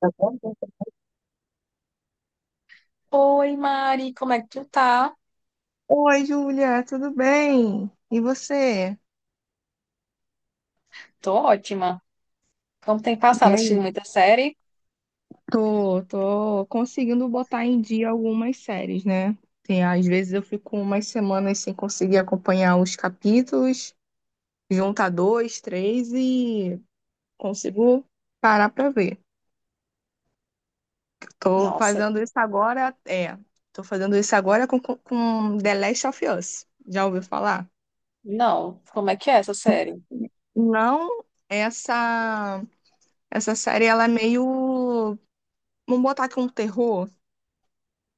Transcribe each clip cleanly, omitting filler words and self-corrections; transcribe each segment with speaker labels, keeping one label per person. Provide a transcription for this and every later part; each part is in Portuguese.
Speaker 1: Tá bom?
Speaker 2: Oi, Mari, como é que tu tá?
Speaker 1: Oi, Júlia, tudo bem? E você?
Speaker 2: Tô ótima. Como tem
Speaker 1: E
Speaker 2: passado?
Speaker 1: aí?
Speaker 2: Assistindo muita série?
Speaker 1: Tô conseguindo botar em dia algumas séries, né? Tem, às vezes eu fico umas semanas sem conseguir acompanhar os capítulos, juntar dois, três e consigo parar pra ver. Tô
Speaker 2: Nossa,
Speaker 1: fazendo isso agora, é, Tô fazendo isso agora com The Last of Us. Já ouviu falar?
Speaker 2: não. Como é que é essa série?
Speaker 1: Não, essa série ela é meio. Vamos botar aqui um terror,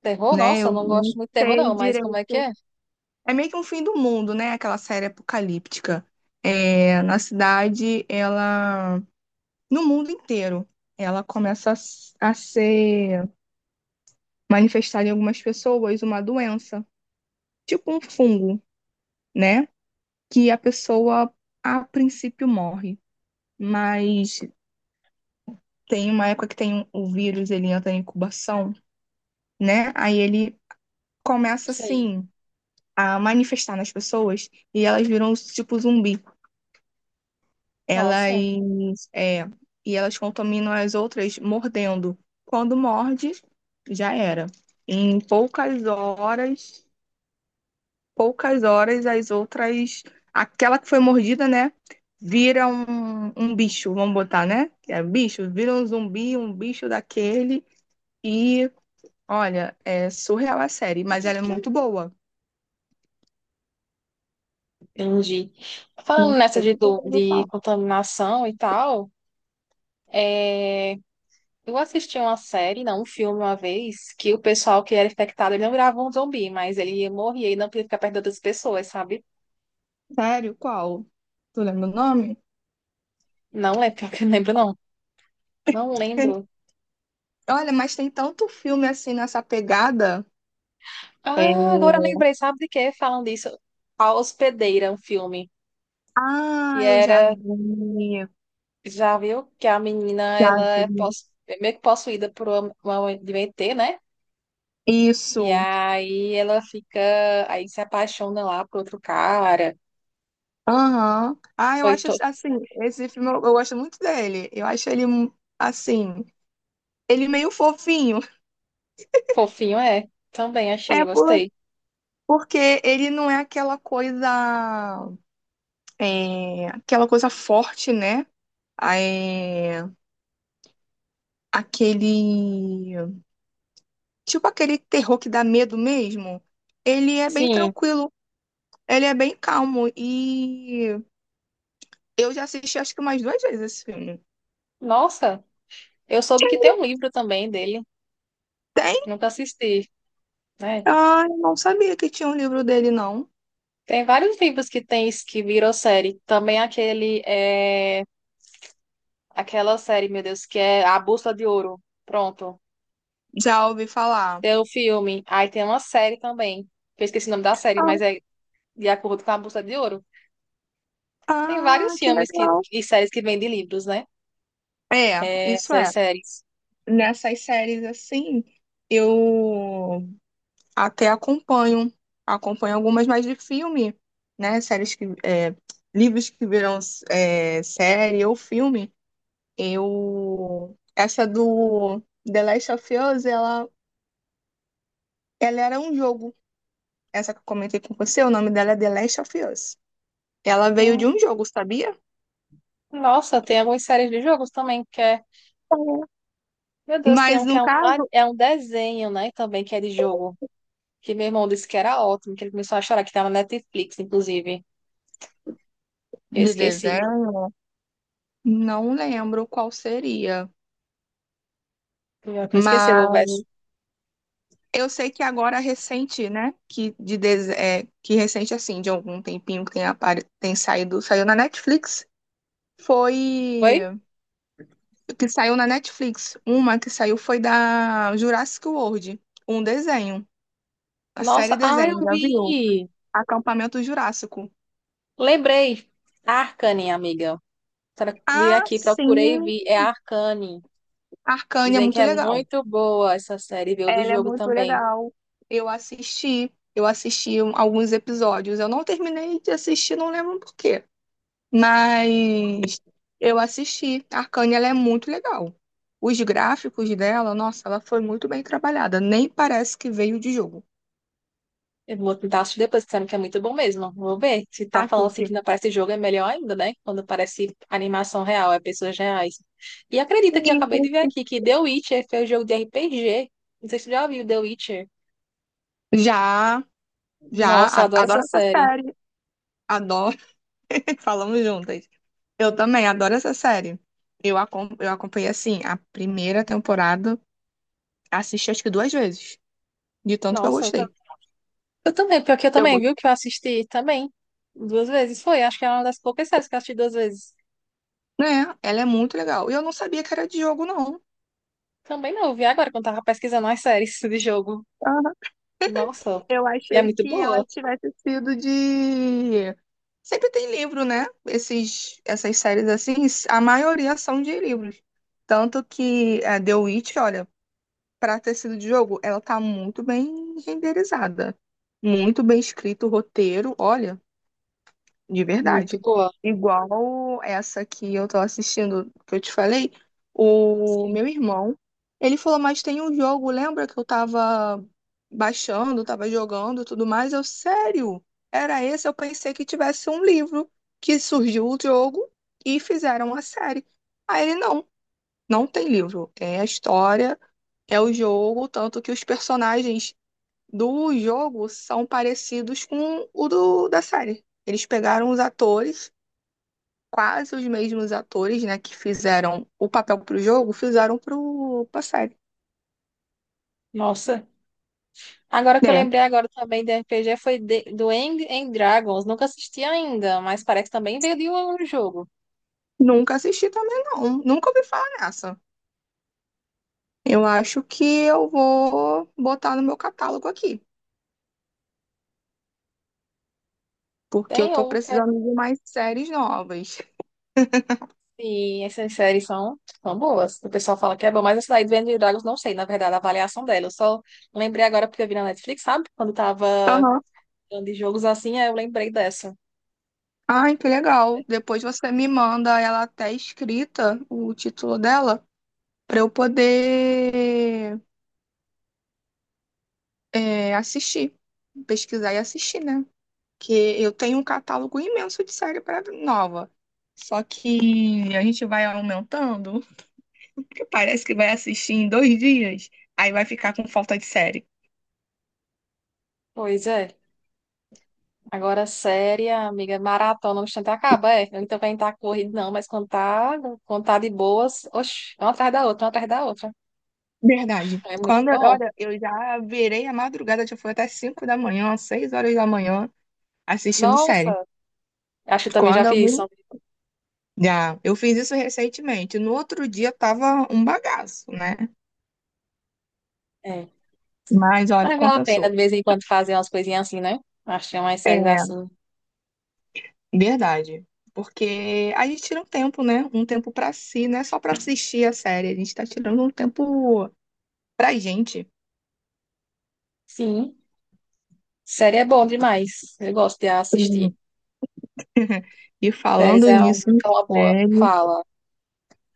Speaker 2: Terror?
Speaker 1: né?
Speaker 2: Nossa, eu
Speaker 1: Eu
Speaker 2: não gosto
Speaker 1: não
Speaker 2: muito de terror,
Speaker 1: sei
Speaker 2: não, mas como é que
Speaker 1: direito.
Speaker 2: é?
Speaker 1: É meio que um fim do mundo, né? Aquela série apocalíptica. É, na cidade, ela. No mundo inteiro, ela começa a ser manifestada em algumas pessoas uma doença, tipo um fungo, né? Que a pessoa, a princípio, morre. Mas tem uma época que tem o vírus, ele entra em incubação, né? Aí ele começa
Speaker 2: Sei.
Speaker 1: assim a manifestar nas pessoas e elas viram tipo zumbi.
Speaker 2: Nossa,
Speaker 1: Elas é, e elas contaminam as outras mordendo. Quando morde, já era. Em poucas horas, as outras, aquela que foi mordida, né, vira um bicho, vamos botar, né? É bicho, vira um zumbi, um bicho daquele e olha, é surreal a série, mas ela é muito boa.
Speaker 2: entendi. Falando nessa de contaminação e tal, é, eu assisti uma série, não, um filme uma vez, que o pessoal que era infectado, ele não virava um zumbi, mas ele morria e não podia ficar perto das pessoas, sabe?
Speaker 1: Sério, qual? Tu lembra o nome?
Speaker 2: Não lembro, pior que eu não lembro, não. Não lembro.
Speaker 1: Olha, mas tem tanto filme assim nessa pegada. É.
Speaker 2: Ah, agora eu lembrei, sabe de quê? Falam disso. A Hospedeira, um filme
Speaker 1: Ah,
Speaker 2: que
Speaker 1: eu já
Speaker 2: era,
Speaker 1: vi.
Speaker 2: já viu? Que a menina, ela
Speaker 1: Já
Speaker 2: é
Speaker 1: vi.
Speaker 2: possu- é meio que possuída por uma de um ET, né? E
Speaker 1: Isso.
Speaker 2: aí ela fica, aí se apaixona lá por outro cara.
Speaker 1: Aham. Ah, eu
Speaker 2: Foi
Speaker 1: acho
Speaker 2: to...
Speaker 1: assim, esse filme eu gosto muito dele. Eu acho ele assim, ele meio fofinho.
Speaker 2: fofinho, é. Também achei,
Speaker 1: É por-
Speaker 2: gostei.
Speaker 1: porque ele não é aquela coisa, aquela coisa forte, né? É, aquele, tipo aquele terror que dá medo mesmo. Ele é bem
Speaker 2: Sim,
Speaker 1: tranquilo. Ele é bem calmo e eu já assisti acho que umas duas vezes esse filme.
Speaker 2: nossa, eu soube que tem um livro também dele,
Speaker 1: Tem?
Speaker 2: nunca assisti, né?
Speaker 1: Ah, eu não sabia que tinha um livro dele, não.
Speaker 2: Tem vários livros que tem isso que virou série. Também aquele é... Aquela série, meu Deus, que é A Bússola de Ouro. Pronto.
Speaker 1: Já ouvi falar.
Speaker 2: Tem o filme. Aí tem uma série também. Que eu esqueci o nome da série,
Speaker 1: Ah,
Speaker 2: mas é de acordo com A Bússola de Ouro. Tem vários
Speaker 1: ah, que
Speaker 2: filmes que,
Speaker 1: legal.
Speaker 2: e séries que vêm de livros, né?
Speaker 1: É,
Speaker 2: É,
Speaker 1: isso
Speaker 2: essas
Speaker 1: é.
Speaker 2: séries.
Speaker 1: Nessas séries assim, eu até acompanho. Acompanho algumas mais de filme, né? Séries que. Livros que viram série ou filme. Eu. Essa do The Last of Us, ela era um jogo. Essa que eu comentei com você, o nome dela é The Last of Us. Ela veio de um
Speaker 2: Hum.
Speaker 1: jogo, sabia?
Speaker 2: Nossa, tem algumas séries de jogos também que é. Meu Deus, tem
Speaker 1: Mas
Speaker 2: um que
Speaker 1: no caso
Speaker 2: é um desenho, né? Também que é de jogo. Que meu irmão disse que era ótimo, que ele começou a chorar, que tava na Netflix, inclusive. Eu
Speaker 1: de
Speaker 2: esqueci.
Speaker 1: desenho, não lembro qual seria.
Speaker 2: Eu esqueci, eu vou ver.
Speaker 1: Mas eu sei que agora recente, né? Que recente, assim, de algum tempinho que tem, tem saído, saiu na Netflix.
Speaker 2: Foi?
Speaker 1: Foi. Que saiu na Netflix. Uma que saiu foi da Jurassic World. Um desenho. A
Speaker 2: Nossa,
Speaker 1: série
Speaker 2: ah,
Speaker 1: desenho,
Speaker 2: eu
Speaker 1: já viu?
Speaker 2: vi!
Speaker 1: Acampamento Jurássico.
Speaker 2: Lembrei. Arcane, amiga. Tra- Vi
Speaker 1: Ah,
Speaker 2: aqui, procurei e
Speaker 1: sim!
Speaker 2: vi. É Arcane.
Speaker 1: Arcane é
Speaker 2: Dizem que
Speaker 1: muito
Speaker 2: é
Speaker 1: legal.
Speaker 2: muito boa essa série. Veio de
Speaker 1: Ela é
Speaker 2: jogo
Speaker 1: muito
Speaker 2: também.
Speaker 1: legal. Eu assisti alguns episódios. Eu não terminei de assistir, não lembro por quê. Mas eu assisti. A Arcane, ela é muito legal. Os gráficos dela, nossa, ela foi muito bem trabalhada. Nem parece que veio de jogo.
Speaker 2: Eu vou tentar assistir depois, disseram que é muito bom mesmo. Vou ver. Se tá falando assim que
Speaker 1: Assiste.
Speaker 2: não parece jogo, é melhor ainda, né? Quando parece animação real, é pessoas reais. E acredita que eu
Speaker 1: E
Speaker 2: acabei de ver aqui que The Witcher foi um jogo de RPG. Não sei se você já viu The Witcher.
Speaker 1: Já, já,
Speaker 2: Nossa, eu adoro essa
Speaker 1: adoro essa
Speaker 2: série.
Speaker 1: série. Adoro, falamos juntas. Eu também adoro essa série. Eu acompanhei, assim, a primeira temporada. Assisti acho que duas vezes, de tanto que eu
Speaker 2: Nossa,
Speaker 1: gostei.
Speaker 2: eu também, pior que eu
Speaker 1: Eu,
Speaker 2: também,
Speaker 1: go-
Speaker 2: viu? Que eu assisti também duas vezes. Foi, acho que é uma das poucas séries que eu assisti duas vezes.
Speaker 1: Né? Ela é muito legal. E eu não sabia que era de jogo, não.
Speaker 2: Também não, eu vi agora quando tava pesquisando as séries de jogo.
Speaker 1: Aham.
Speaker 2: Nossa,
Speaker 1: Eu
Speaker 2: e é
Speaker 1: achei
Speaker 2: muito
Speaker 1: que
Speaker 2: boa.
Speaker 1: ela tivesse sido de. Sempre tem livro, né? Essas séries assim, a maioria são de livros. Tanto que a The Witch, olha, pra ter sido de jogo, ela tá muito bem renderizada. Muito bem escrito o roteiro. Olha. De
Speaker 2: Muito
Speaker 1: verdade.
Speaker 2: boa.
Speaker 1: Igual essa que eu tô assistindo, que eu te falei, o meu irmão, ele falou, mas tem um jogo, lembra que eu tava baixando, tava jogando e tudo mais? Eu, sério? Era esse? Eu pensei que tivesse um livro, que surgiu o jogo e fizeram a série. Aí ele, não, não tem livro. É a história, é o jogo, tanto que os personagens do jogo são parecidos com da série. Eles pegaram os atores quase os mesmos atores, né, que fizeram o papel pro jogo, fizeram pra série.
Speaker 2: Nossa. Agora que eu
Speaker 1: É.
Speaker 2: lembrei agora também de RPG foi de- do End and Dragons. Nunca assisti ainda, mas parece que também veio de um jogo.
Speaker 1: Nunca assisti também, não. Nunca ouvi falar nessa. Eu acho que eu vou botar no meu catálogo aqui, porque eu
Speaker 2: Tem
Speaker 1: tô
Speaker 2: um que é
Speaker 1: precisando de mais séries novas.
Speaker 2: assim, essas séries são, são boas. O pessoal fala que é bom, mas essa daí do End and Dragons não sei, na verdade, a avaliação dela. Eu só lembrei agora porque eu vi na Netflix, sabe? Quando tava
Speaker 1: Aham.
Speaker 2: de jogos assim, é, eu lembrei dessa.
Speaker 1: Ai, que legal. Depois você me manda ela até escrita, o título dela, pra eu poder assistir, pesquisar e assistir, né? Que eu tenho um catálogo imenso de série para nova. Só que a gente vai aumentando, porque parece que vai assistir em 2 dias, aí vai ficar com falta de série.
Speaker 2: Pois é. Agora, séria, amiga, é maratona, no instante acaba, é. Ele também tá corrido, não, mas quando tá de boas, oxi, uma atrás da outra, uma atrás da outra.
Speaker 1: Verdade.
Speaker 2: É muito
Speaker 1: Quando,
Speaker 2: bom.
Speaker 1: olha, eu já virei a madrugada, já foi até 5 da manhã, 6 horas da manhã, assistindo
Speaker 2: Nossa,
Speaker 1: série.
Speaker 2: acho que eu também já
Speaker 1: Quando eu
Speaker 2: fiz
Speaker 1: me-
Speaker 2: isso.
Speaker 1: Já, eu fiz isso recentemente. No outro dia tava um bagaço, né?
Speaker 2: É.
Speaker 1: Mas olha,
Speaker 2: Mas vale a pena de
Speaker 1: compensou.
Speaker 2: vez em quando fazer umas coisinhas assim, né? Acho que é umas séries
Speaker 1: É,
Speaker 2: assim.
Speaker 1: verdade. Porque a gente tira um tempo, né? Um tempo pra si, não é só pra assistir a série, a gente tá tirando um tempo pra gente.
Speaker 2: Sim, série é bom demais. Eu gosto de
Speaker 1: Sim.
Speaker 2: assistir.
Speaker 1: E
Speaker 2: Séries
Speaker 1: falando nisso, em
Speaker 2: é uma boa.
Speaker 1: série,
Speaker 2: Fala.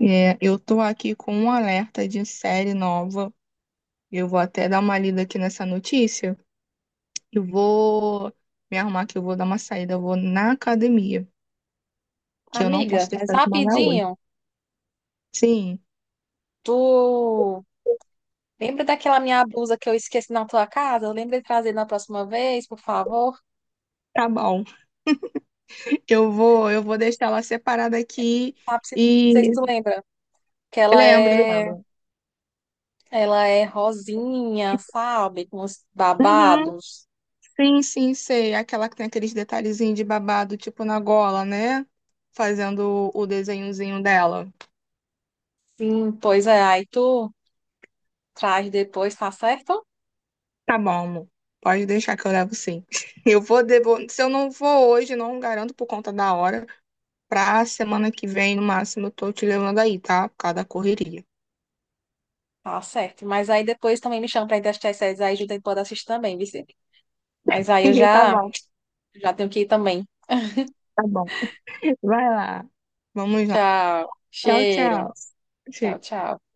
Speaker 1: eu tô aqui com um alerta de série nova. Eu vou até dar uma lida aqui nessa notícia. Eu vou me arrumar que eu vou dar uma saída, eu vou na academia, que eu não
Speaker 2: Amiga,
Speaker 1: posso
Speaker 2: mas
Speaker 1: deixar de malhar hoje.
Speaker 2: rapidinho,
Speaker 1: Sim,
Speaker 2: tu lembra daquela minha blusa que eu esqueci na tua casa? Lembra de trazer na próxima vez, por favor?
Speaker 1: tá bom. Eu vou deixar ela separada aqui
Speaker 2: Sabe, se- não
Speaker 1: e
Speaker 2: sei se tu lembra. Que
Speaker 1: lembro, lembro.
Speaker 2: ela é rosinha, sabe? Com os
Speaker 1: Uhum.
Speaker 2: babados.
Speaker 1: Sim, sim, sei. Aquela que tem aqueles detalhezinhos de babado, tipo na gola, né? Fazendo o desenhozinho dela.
Speaker 2: Sim, pois é. Aí tu traz depois, tá certo?
Speaker 1: Tá bom, amor. Pode deixar que eu levo sim. Eu vou Devo. Se eu não vou hoje, não garanto por conta da hora. Pra semana que vem, no máximo, eu tô te levando aí, tá? Por causa da correria.
Speaker 2: Tá certo. Mas aí depois também me chama pra ir testar essas aí, junto pode assistir também, Vicente. Mas aí eu
Speaker 1: Tá
Speaker 2: já,
Speaker 1: bom,
Speaker 2: já tenho que ir também.
Speaker 1: tá bom. Vai lá. Vamos lá.
Speaker 2: Tchau.
Speaker 1: Tchau,
Speaker 2: Cheiro.
Speaker 1: tchau.
Speaker 2: Tchau,
Speaker 1: Tchau.
Speaker 2: tchau.